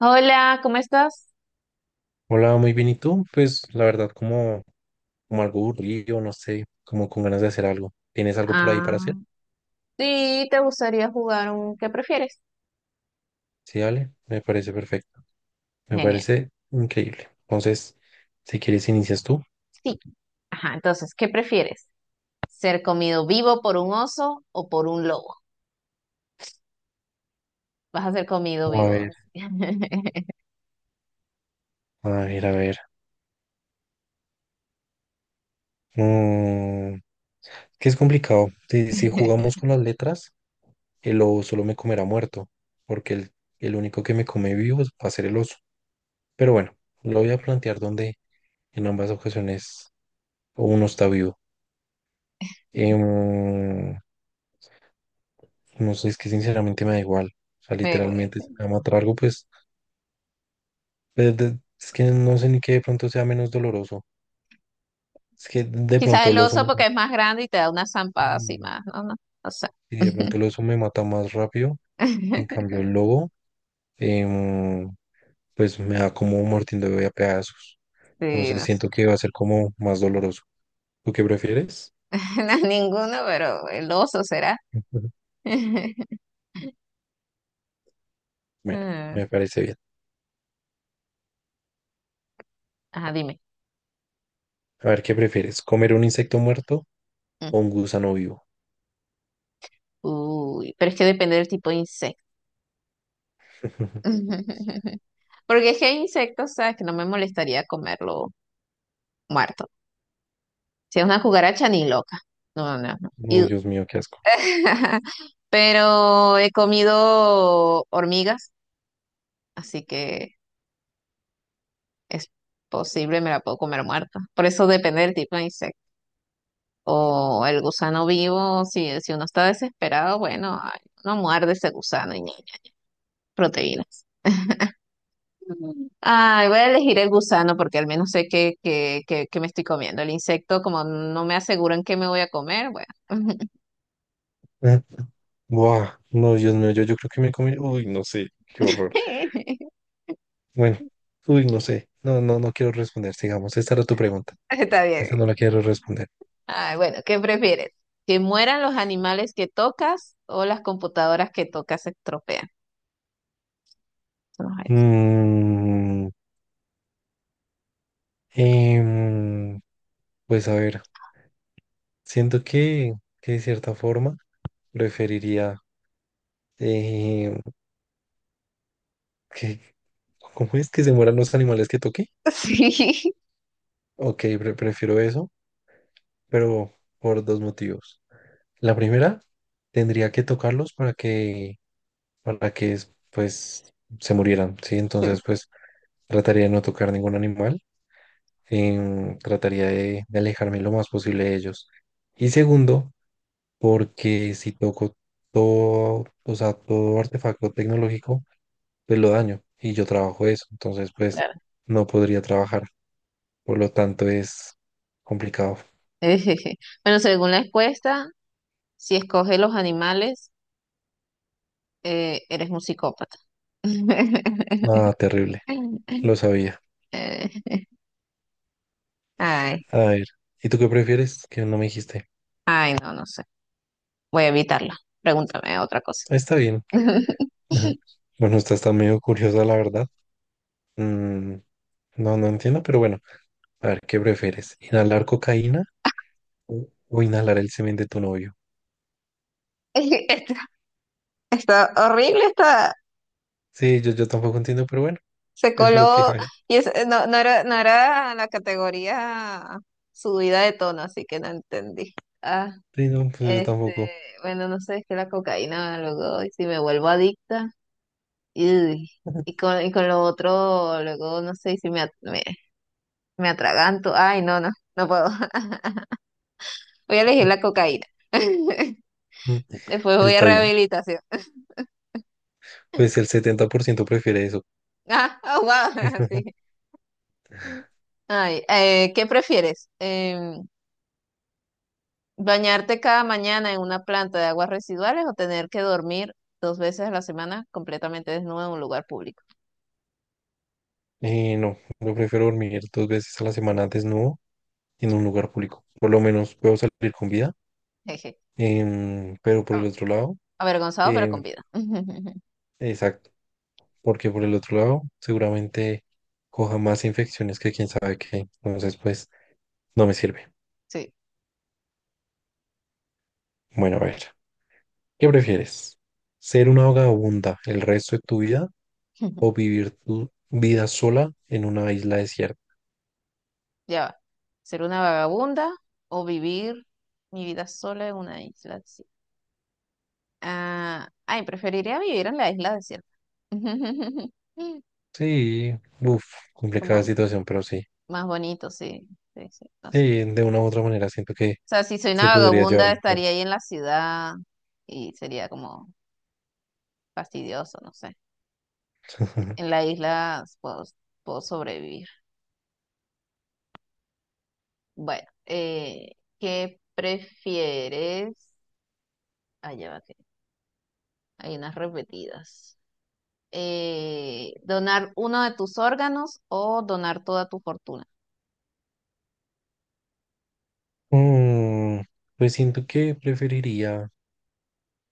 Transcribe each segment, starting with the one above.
Hola, ¿cómo estás? Hola, muy bien. ¿Y tú? Pues la verdad, como algo aburrido, no sé, como con ganas de hacer algo. ¿Tienes algo por ahí para hacer? Ah, sí, ¿te gustaría jugar un qué prefieres? Sí, dale, me parece perfecto. Me Genial. parece increíble. Entonces, si quieres, inicias tú. Sí. Ajá, entonces, ¿qué prefieres? ¿Ser comido vivo por un oso o por un lobo? Vas a ser comido A ver, vivo. a ver, a ver. Mm, que es complicado. Si jugamos con las letras, el lobo solo me comerá muerto, porque el único que me come vivo va a ser el oso. Pero bueno, lo voy a plantear donde en ambas ocasiones uno está vivo. Em, No sé, es que sinceramente me da igual. O sea, Güey. literalmente, si me va a matar algo, pues es que no sé ni qué de pronto sea menos doloroso. Es que de Quizás pronto el el oso me oso mata. porque es más grande y te da una zampada así Y más, no, no, no sé. y de pronto el oso me mata más rápido. En cambio, el lobo, em, pues me da como mordiendo a pedazos. Sí, Entonces no sé. siento que va a ser como más doloroso. ¿Tú qué prefieres? No, ninguno, pero el oso será. Ujú. Bueno, Ah, me parece bien. ajá, dime. A ver, ¿qué prefieres? ¿Comer un insecto muerto Mm. o un gusano vivo? Uy, pero es que depende del tipo de insecto. Porque es que hay insectos, ¿sabes? Que no me molestaría comerlo muerto. Si es una cucaracha, ni loca. No, no, no. No, Y- Dios mío, qué asco. pero he comido hormigas, así que es posible, me la puedo comer muerta. Por eso depende del tipo de insecto. O el gusano vivo, si uno está desesperado, bueno, ay, uno muerde ese gusano y ya, proteína. Ay, voy a elegir el gusano porque al menos sé que me estoy comiendo. El insecto, como no me aseguran qué me voy a comer, bueno. Buah, no, Dios mío, yo creo que me comí. Uy, no sé, qué horror. Bueno, uy, no sé. No, no, no quiero responder. Sigamos, esta era tu pregunta. Está Esta bien. no la quiero responder. Ay, bueno, ¿qué prefieres? ¿Que mueran los animales que tocas o las computadoras que tocas se estropean? Vamos a ver. Mm, em, pues a ver, siento que de cierta forma preferiría eh, que, ¿cómo es que se mueran los animales que toqué? Sí, sí, Ok, prefiero eso, pero por dos motivos. La primera, tendría que tocarlos para que pues se murieran, ¿sí? Entonces pues trataría de no tocar ningún animal, trataría de alejarme lo más posible de ellos. Y segundo, porque si toco todo, o sea, todo artefacto tecnológico, pues lo daño y yo trabajo eso, entonces pues claro. no podría trabajar, por lo tanto es complicado. Bueno, según la encuesta, si escoges los animales, eres un psicópata. Ah, terrible, lo sabía. Eh, Ay, A ver, ¿y tú qué prefieres? Que no me dijiste. ay, no, no sé. Voy a evitarla. Pregúntame otra cosa. Está bien. Bueno, estás tan medio curiosa, la verdad. Mm, no, no entiendo, pero bueno, a ver, ¿qué prefieres? ¿Inhalar cocaína o inhalar el semen de tu novio? Este- está horrible, está. Sí, yo tampoco entiendo, pero bueno, Se es lo que coló hay. y es- no, no era, no era la categoría subida de tono, así que no entendí. Ah, Sí, no, pues yo este, tampoco. bueno, no sé, es que la cocaína luego, y si me vuelvo adicta, y, y con lo otro, luego, no sé, y si me, me atraganto, ay, no, no, no puedo. Voy a elegir la cocaína. Mm, Después voy a Está bien. rehabilitación. Pues el 70% prefiere eso. Ah, oh, wow, sí. Ay, ¿qué prefieres? ¿Bañarte cada mañana en una planta de aguas residuales o tener que dormir dos veces a la semana completamente desnudo en un lugar público? Y no, yo prefiero dormir dos veces a la semana desnudo en un lugar público. Por lo menos puedo salir con vida. Jeje. Pero por el A- otro lado, avergonzado, pero con em, vida. exacto, porque por el otro lado seguramente coja más infecciones que quién sabe qué. Entonces, pues... No me sirve. Sí. Bueno, a ver, ¿qué prefieres? ¿Ser una vagabunda el resto de tu vida o vivir tu vida sola en una isla desierta? Ya va. ¿Ser una vagabunda o vivir mi vida sola en una isla desierta? Ah, ay, preferiría vivir en la isla desierta. Sí, uff, complicada Como situación, pero sí. más bonito, sí. Sí, sí. No Sí, sé. de una u otra manera siento que O sea, si soy una se podría llevar vagabunda, mejor. estaría ahí en la ciudad y sería como fastidioso, no sé. En la isla puedo, puedo sobrevivir. Bueno, ¿qué prefieres? Ah, ya va que hay unas repetidas. ¿Donar uno de tus órganos o donar toda tu fortuna? Mm, pues siento que preferiría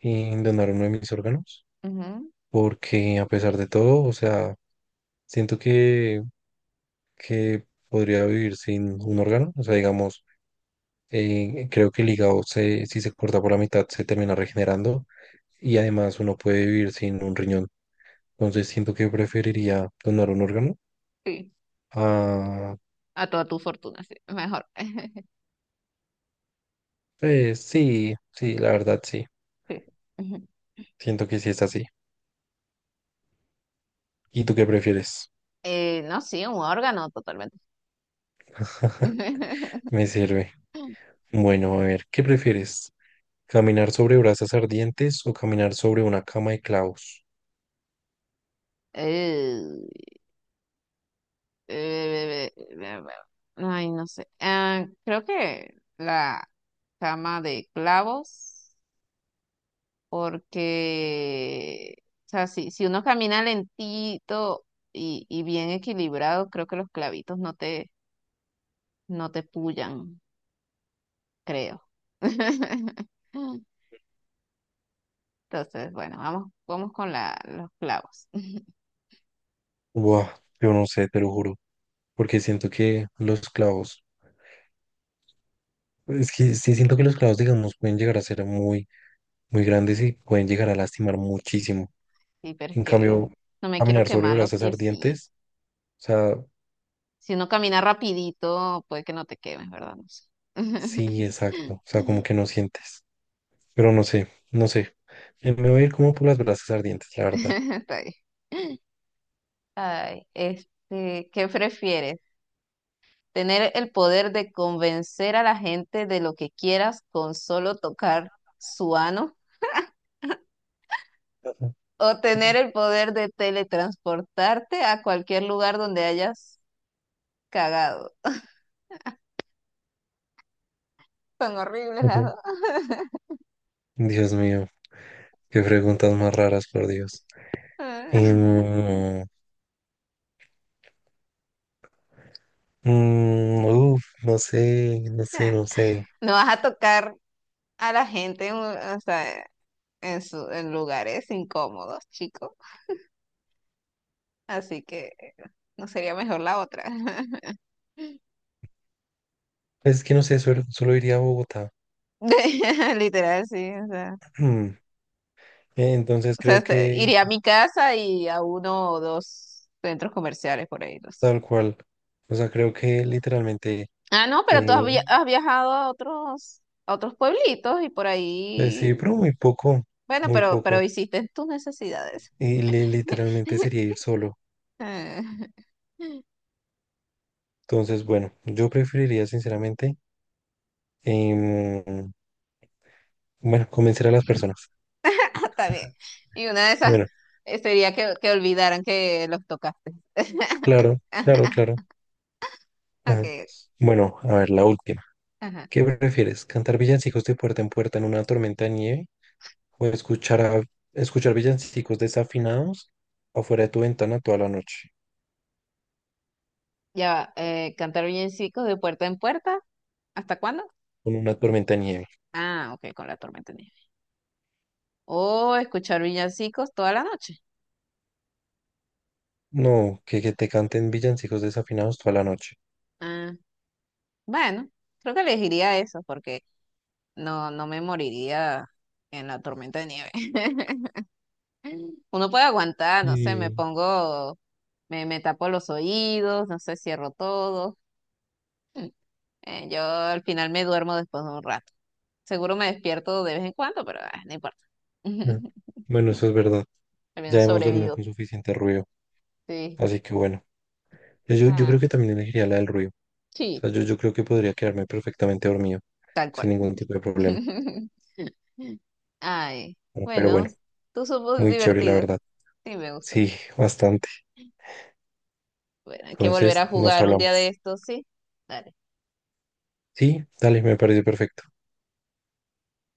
donar uno de mis órganos, Ujú, porque a pesar de todo, o sea, siento que podría vivir sin un órgano, o sea, digamos. Creo que el hígado, si se corta por la mitad, se termina regenerando y además uno puede vivir sin un riñón. Entonces siento que preferiría donar un órgano. sí, Ah, a toda tu fortuna, sí, mejor. pues sí, sí, la verdad sí. Sí. Ujú. Siento que sí es así. ¿Y tú qué prefieres? No, sí, un órgano totalmente. Me sirve. Bueno, a ver, ¿qué prefieres? ¿Caminar sobre brasas ardientes o caminar sobre una cama de clavos? Eh, eh, eh, eh, ay, no sé. Ah, creo que la cama de clavos, porque, o sea, si uno camina lentito y bien equilibrado, creo que los clavitos no te, no te pullan, creo. Entonces, bueno, vamos, vamos con la, los clavos. Buah, yo no sé, te lo juro, porque siento que los clavos, es que sí siento que los clavos, digamos, pueden llegar a ser muy muy grandes y pueden llegar a lastimar muchísimo. Sí, pero es En que cambio, no me quiero caminar sobre quemar los brasas piecitos. ardientes, o sea, Si uno camina rapidito, puede que no te quemes, ¿verdad? No sé. sí, exacto, o sea, como que no sientes, pero no sé, no sé. Me voy a ir como por las brasas ardientes, la verdad. Está bien. Ay, este, ¿qué prefieres? ¿Tener el poder de convencer a la gente de lo que quieras con solo tocar su ano? ¿O tener el poder de teletransportarte a cualquier lugar donde hayas cagado? Son horribles las Ujú. dos. Dios mío, qué preguntas más raras, por Dios. Em, no sé, no sé, no sé. No vas a tocar a la gente, en un- o sea, en, su- en lugares incómodos, chicos. Así que no sería mejor la otra. Es que no sé, solo iría a Bogotá. Literal, sí. Entonces O sea, creo este, que iría a mi casa y a uno o dos centros comerciales por ahí. No sé. tal cual, o sea, creo que literalmente... Ah, no, pero tú has, Eh, via- has viajado a otros pueblitos y por sí, ahí. pero muy poco, Bueno, muy pero poco. hiciste tus necesidades. Y literalmente sería ir solo. Ah, Entonces, bueno, yo preferiría sinceramente, em, bueno, convencer a las personas. está bien. Y una de esas Bueno, sería que olvidaran que los tocaste. claro, claro, claro. Ajá. Ok. Bueno, a ver, la última. Ajá. ¿Qué prefieres? ¿Cantar villancicos de puerta en puerta en una tormenta de nieve? ¿O escuchar, escuchar villancicos desafinados afuera de tu ventana toda la noche Ya va, cantar villancicos de puerta en puerta. ¿Hasta cuándo? con una tormenta de nieve? Ah, ok, con la tormenta de nieve. O escuchar villancicos toda la noche. No, que te canten villancicos desafinados toda la noche. Ah, bueno, creo que elegiría eso porque no, no me moriría en la tormenta de nieve. Uno puede aguantar, no sé, me Sí. pongo, me tapo los oídos, no sé, cierro todo. Mm, yo al final me duermo después de un rato. Seguro me despierto de vez en cuando, pero ah, no importa. Mm. Bueno, eso es verdad. Al menos Ya hemos dormido sobrevivo. con suficiente ruido. Sí. Así que bueno, yo creo Ah, que también elegiría la del ruido. O sí, sea, sí, yo creo que podría quedarme perfectamente dormido tal sin cual. ningún tipo de problema. Ay, Pero bueno, bueno, tú somos muy chévere, la divertidos. verdad. Sí, me gusta. Sí, bastante. Bueno, hay que volver Entonces, a nos jugar un día de hablamos. estos, sí. Dale. Sí, dale, me parece perfecto.